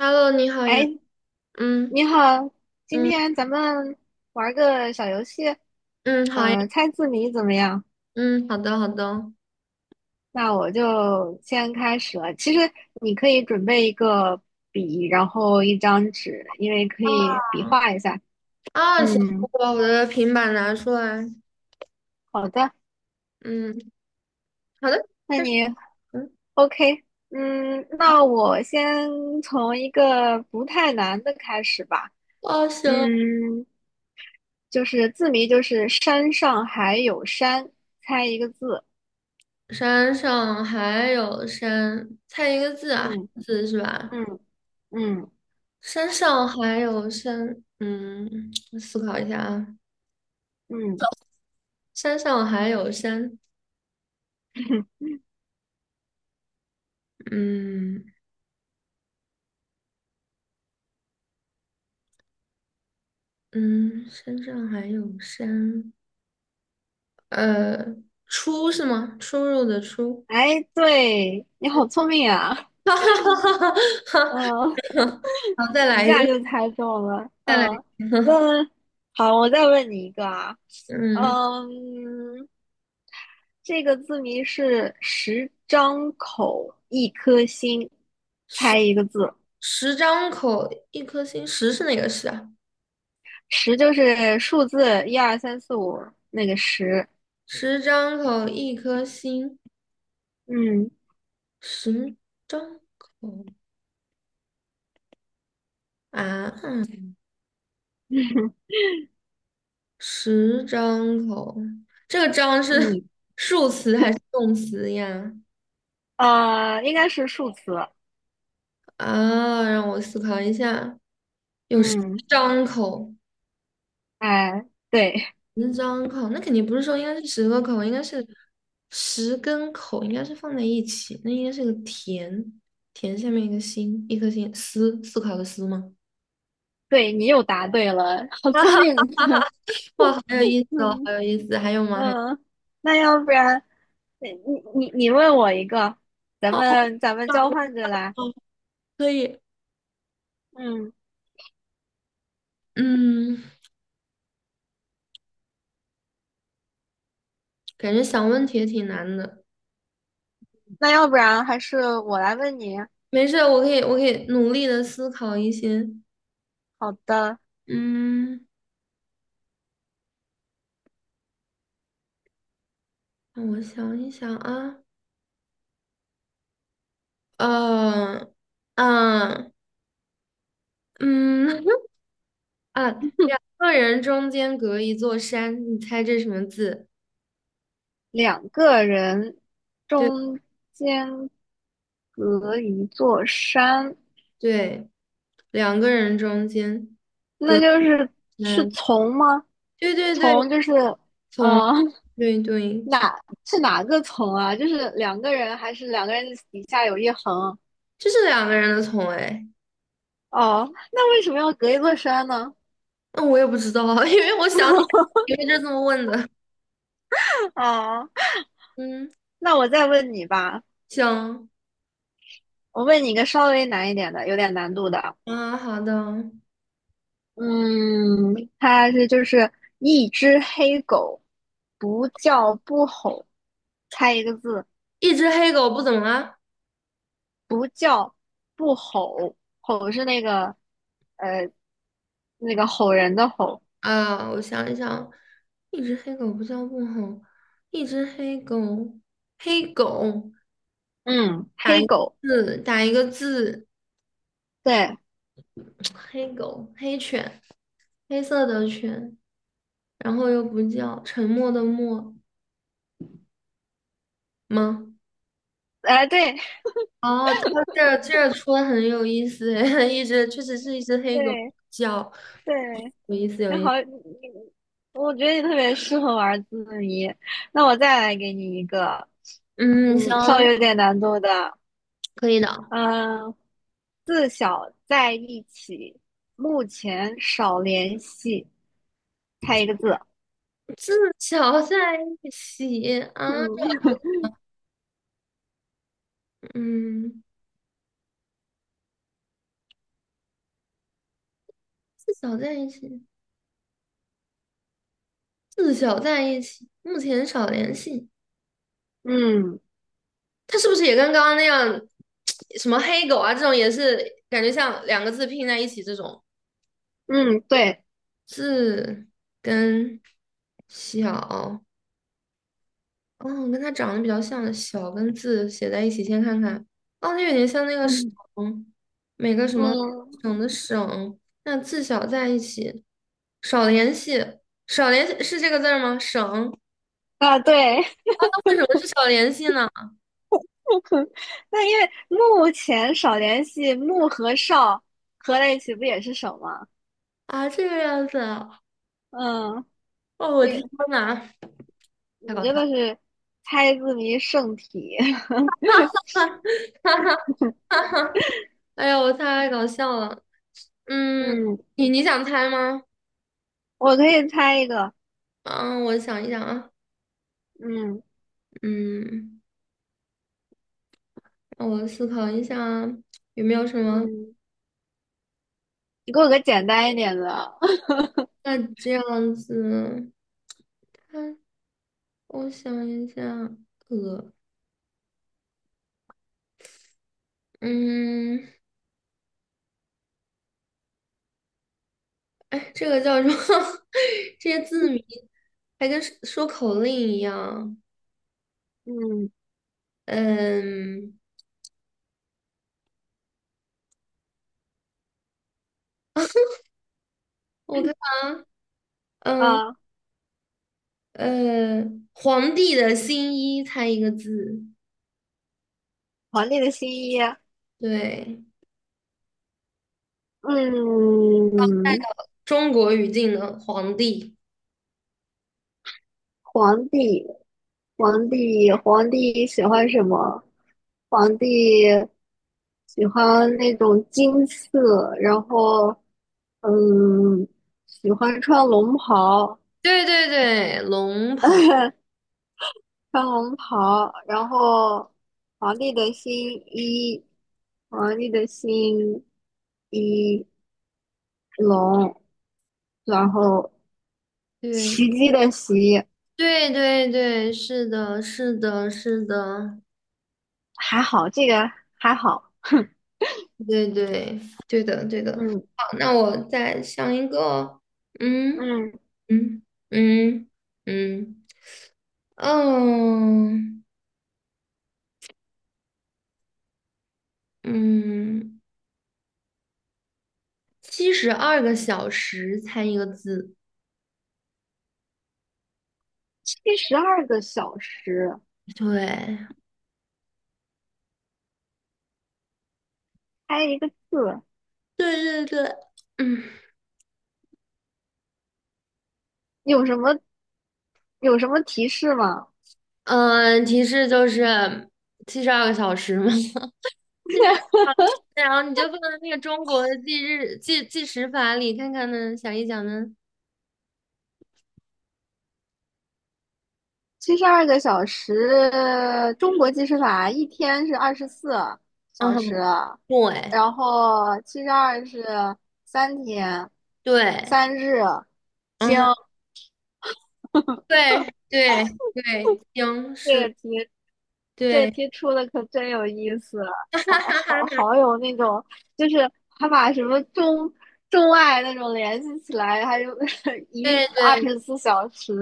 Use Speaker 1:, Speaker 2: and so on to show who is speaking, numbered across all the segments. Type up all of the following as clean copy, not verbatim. Speaker 1: Hello,你好呀。
Speaker 2: 哎，
Speaker 1: 嗯
Speaker 2: 你好，今
Speaker 1: 嗯
Speaker 2: 天咱们玩个小游戏，
Speaker 1: 嗯，好呀。
Speaker 2: 猜字谜怎么样？
Speaker 1: 嗯，好的好的。
Speaker 2: 那我就先开始了。其实你可以准备一个笔，然后一张纸，因为可
Speaker 1: 啊
Speaker 2: 以比划一下。
Speaker 1: 行，
Speaker 2: 嗯，
Speaker 1: 我把我的平板拿出来。
Speaker 2: 好的，
Speaker 1: 嗯，好的。
Speaker 2: 那
Speaker 1: 开始。
Speaker 2: 你
Speaker 1: 嗯。
Speaker 2: OK？嗯，那我先从一个不太难的开始吧。
Speaker 1: 哦，行。
Speaker 2: 嗯，就是字谜，就是山上还有山，猜一个字。
Speaker 1: 山上还有山，猜一个字啊。
Speaker 2: 嗯
Speaker 1: 字是吧？
Speaker 2: 嗯嗯。
Speaker 1: 山上还有山，嗯，我思考一下啊。
Speaker 2: 嗯，
Speaker 1: 山上还有山。嗯嗯。山上还有山。呃，出是吗？出入的出。
Speaker 2: 哎，对，你好聪明啊，
Speaker 1: 哈哈哈哈哈！
Speaker 2: 嗯，
Speaker 1: 好，再
Speaker 2: 一
Speaker 1: 来一
Speaker 2: 下
Speaker 1: 个，
Speaker 2: 就猜中了，
Speaker 1: 再来一个。
Speaker 2: 嗯，那好，我再问你一个啊，
Speaker 1: 嗯，
Speaker 2: 嗯，这个字谜是十张口一颗心，
Speaker 1: 十
Speaker 2: 猜一个字，
Speaker 1: 十张口一颗心，十是哪个十啊？
Speaker 2: 十就是数字一二三四五那个十，
Speaker 1: 十张口一颗心，
Speaker 2: 嗯
Speaker 1: 十张口啊。嗯，十张口，这个张是
Speaker 2: 嗯，
Speaker 1: 数词还是动词呀？
Speaker 2: 应该是数词，
Speaker 1: 啊，让我思考一下。有十
Speaker 2: 嗯，
Speaker 1: 张口，
Speaker 2: 哎，对
Speaker 1: 十张口，那肯定不是说应该是十个口，应该是十根口，应该是放在一起，那应该是个田。田下面一个心，一颗心，思，思考的思吗？
Speaker 2: 对，你又答对了，好聪明。
Speaker 1: 哇，好有意思哦，
Speaker 2: 嗯
Speaker 1: 好有意思，还有吗？还有。
Speaker 2: 嗯，那要不然，你问我一个，咱
Speaker 1: 好
Speaker 2: 们咱们交换着来。
Speaker 1: 棒哦，可以。
Speaker 2: 嗯，
Speaker 1: 嗯，感觉想问题也挺难的。
Speaker 2: 那要不然还是我来问你。
Speaker 1: 没事我可以，我可以努力的思考一些。
Speaker 2: 好的，
Speaker 1: 嗯，让我想一想啊。呃，嗯、嗯。 啊，个人中间隔一座山，你猜这什么字？
Speaker 2: 两个人
Speaker 1: 对
Speaker 2: 中间隔一座山，
Speaker 1: 对，两个人中间。
Speaker 2: 那就是
Speaker 1: 嗯，
Speaker 2: 从吗？
Speaker 1: 对对对，
Speaker 2: 从就是
Speaker 1: 从，
Speaker 2: 呃
Speaker 1: 对对从。
Speaker 2: 哪是哪个从啊？就是两个人还是两个人底下有一横？
Speaker 1: 这是两个人的从，哎。
Speaker 2: 哦，那为什么要隔一座山呢？
Speaker 1: 那我也不知道啊，因为我想起来，因为就这么问的。
Speaker 2: 啊。
Speaker 1: 嗯，
Speaker 2: 那我再问你吧，
Speaker 1: 行。
Speaker 2: 我问你一个稍微难一点的，有点难度的。
Speaker 1: 啊，好的。
Speaker 2: 嗯，它是就是一只黑狗，不叫不吼，猜一个字，
Speaker 1: 一只黑狗不怎么了？
Speaker 2: 不叫不吼，吼是那个呃吼人的吼。
Speaker 1: 啊，我想一想。一只黑狗不叫不好，一只黑狗，黑狗，
Speaker 2: 嗯，黑狗，
Speaker 1: 字打一个字。
Speaker 2: 对，
Speaker 1: 黑狗，黑犬。黑色的犬，然后又不叫，沉默的默吗？
Speaker 2: 哎、对
Speaker 1: 哦，哦，这出的很有意思诶，一只确实是一只黑狗
Speaker 2: 对
Speaker 1: 叫。
Speaker 2: 对，
Speaker 1: 有意思有
Speaker 2: 那
Speaker 1: 意
Speaker 2: 好，
Speaker 1: 思。
Speaker 2: 我觉得你特别适合玩字谜。那我再来给你一个，
Speaker 1: 嗯，行，
Speaker 2: 嗯，稍微有点难度的。
Speaker 1: 可以的。
Speaker 2: 嗯，自小在一起，目前少联系。猜一个字。
Speaker 1: 自小在一起啊，这我
Speaker 2: 嗯
Speaker 1: 头嗯，自小在一起。自小在一起，目前少联系。
Speaker 2: 嗯
Speaker 1: 他是不是也跟刚刚那样，什么黑狗啊，这种也是感觉像两个字拼在一起这种？
Speaker 2: 嗯，对，
Speaker 1: 字跟小，哦，跟它长得比较像的小跟字写在一起，先看看。哦，它有点像那个省，
Speaker 2: 嗯
Speaker 1: 每个什么
Speaker 2: 嗯
Speaker 1: 省的省，那字小在一起，少联系，少联系是这个字儿吗？省。
Speaker 2: 啊，对。
Speaker 1: 啊，那为什么是少联系呢？
Speaker 2: 那因为目前少联系，木和少合在一起不也是手吗？
Speaker 1: 啊，这个样子啊。
Speaker 2: 嗯，
Speaker 1: 哦，我的
Speaker 2: 这
Speaker 1: 天
Speaker 2: 个
Speaker 1: 呐，太
Speaker 2: 你
Speaker 1: 搞
Speaker 2: 真
Speaker 1: 笑了。
Speaker 2: 的是猜字谜圣体。
Speaker 1: 哈哈哎呀，我太搞笑了。嗯，
Speaker 2: 嗯，
Speaker 1: 你想猜吗？
Speaker 2: 我可以猜一个。
Speaker 1: 嗯，我想一想啊。
Speaker 2: 嗯
Speaker 1: 嗯。让我思考一下啊，有没有什么？
Speaker 2: 嗯，你给我个简单一点的。
Speaker 1: 那这样子，看，我想一下。呃，嗯，哎，这个叫什么？这些字谜还跟说说口令一样。
Speaker 2: 嗯
Speaker 1: 嗯。我看啊。嗯
Speaker 2: 啊，
Speaker 1: 皇帝的新衣，猜一个字。
Speaker 2: 皇帝的新衣。
Speaker 1: 对，
Speaker 2: 嗯，
Speaker 1: 中国语境的皇帝。
Speaker 2: 皇帝，皇帝，皇帝喜欢什么？皇帝喜欢那种金色，然后，嗯，喜欢穿龙袍，
Speaker 1: 对对对，龙袍。
Speaker 2: 穿龙袍，然后皇帝的新衣，皇帝的新衣龙，然后
Speaker 1: 对。
Speaker 2: 袭击的袭，
Speaker 1: 对对对，是的，是的，是的，
Speaker 2: 还好，这个还好，
Speaker 1: 对，对，对的，对的。
Speaker 2: 嗯。
Speaker 1: 好，那我再想一个。嗯
Speaker 2: 嗯，
Speaker 1: 嗯嗯嗯嗯嗯，七十二个小时猜一个字。
Speaker 2: 72个小时，
Speaker 1: 对
Speaker 2: 开一个字，
Speaker 1: 对对对。嗯
Speaker 2: 有什么有什么提示吗？
Speaker 1: 嗯，呃提示就是七十二个小时嘛。七十 二小时，然后你就放在那个中国的计日计计时法里看看呢，想一想呢。
Speaker 2: 七十二个小时，中国计时法一天是二十四
Speaker 1: 嗯
Speaker 2: 小
Speaker 1: 哼，
Speaker 2: 时，
Speaker 1: 对
Speaker 2: 然后七十二是三天，
Speaker 1: 对。
Speaker 2: 三日。
Speaker 1: 嗯
Speaker 2: 经
Speaker 1: 哼，对对对，行，
Speaker 2: 这
Speaker 1: 是
Speaker 2: 个
Speaker 1: 的，
Speaker 2: 题这
Speaker 1: 对。
Speaker 2: 题出的可真有意思，
Speaker 1: 哈
Speaker 2: 好
Speaker 1: 哈哈哈，
Speaker 2: 好好有那种，就是还把什么中外那种联系起来，还有 一日
Speaker 1: 对
Speaker 2: 二
Speaker 1: 对
Speaker 2: 十四小时，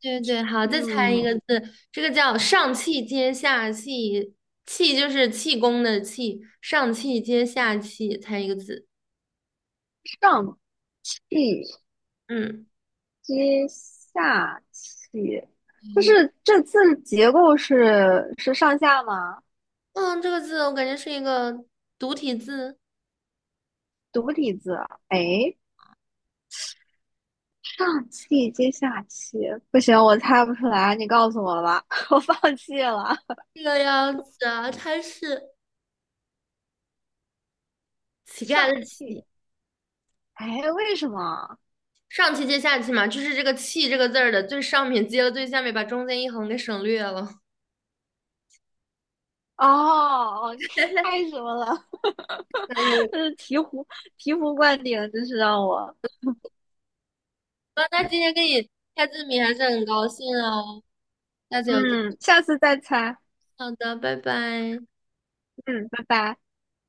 Speaker 1: 对对。好，再猜一
Speaker 2: 嗯，
Speaker 1: 个字，这个叫上气接下气。气就是气功的气，上气接下气，猜一个字。
Speaker 2: 上气
Speaker 1: 嗯，
Speaker 2: 接下气，就
Speaker 1: 对。
Speaker 2: 是这字结构是上下吗？
Speaker 1: 嗯，这个字我感觉是一个独体字。
Speaker 2: 独体字，哎，上气接下气，不行，我猜不出来，你告诉我吧，我放弃了。
Speaker 1: 这个样子啊，它是乞丐
Speaker 2: 上
Speaker 1: 的
Speaker 2: 气，
Speaker 1: 乞。
Speaker 2: 哎，为什么？
Speaker 1: 上气接下气嘛，就是这个气这个字儿的最上面接了最下面，把中间一横给省略了。
Speaker 2: 哦，太什么了，
Speaker 1: 很有意
Speaker 2: 就
Speaker 1: 思。
Speaker 2: 是醍醐灌顶，真是让我，
Speaker 1: 那今天跟你开字谜还是很高兴哦，下次有机会。
Speaker 2: 嗯，下次再猜，
Speaker 1: 好的，拜拜。
Speaker 2: 嗯，拜拜。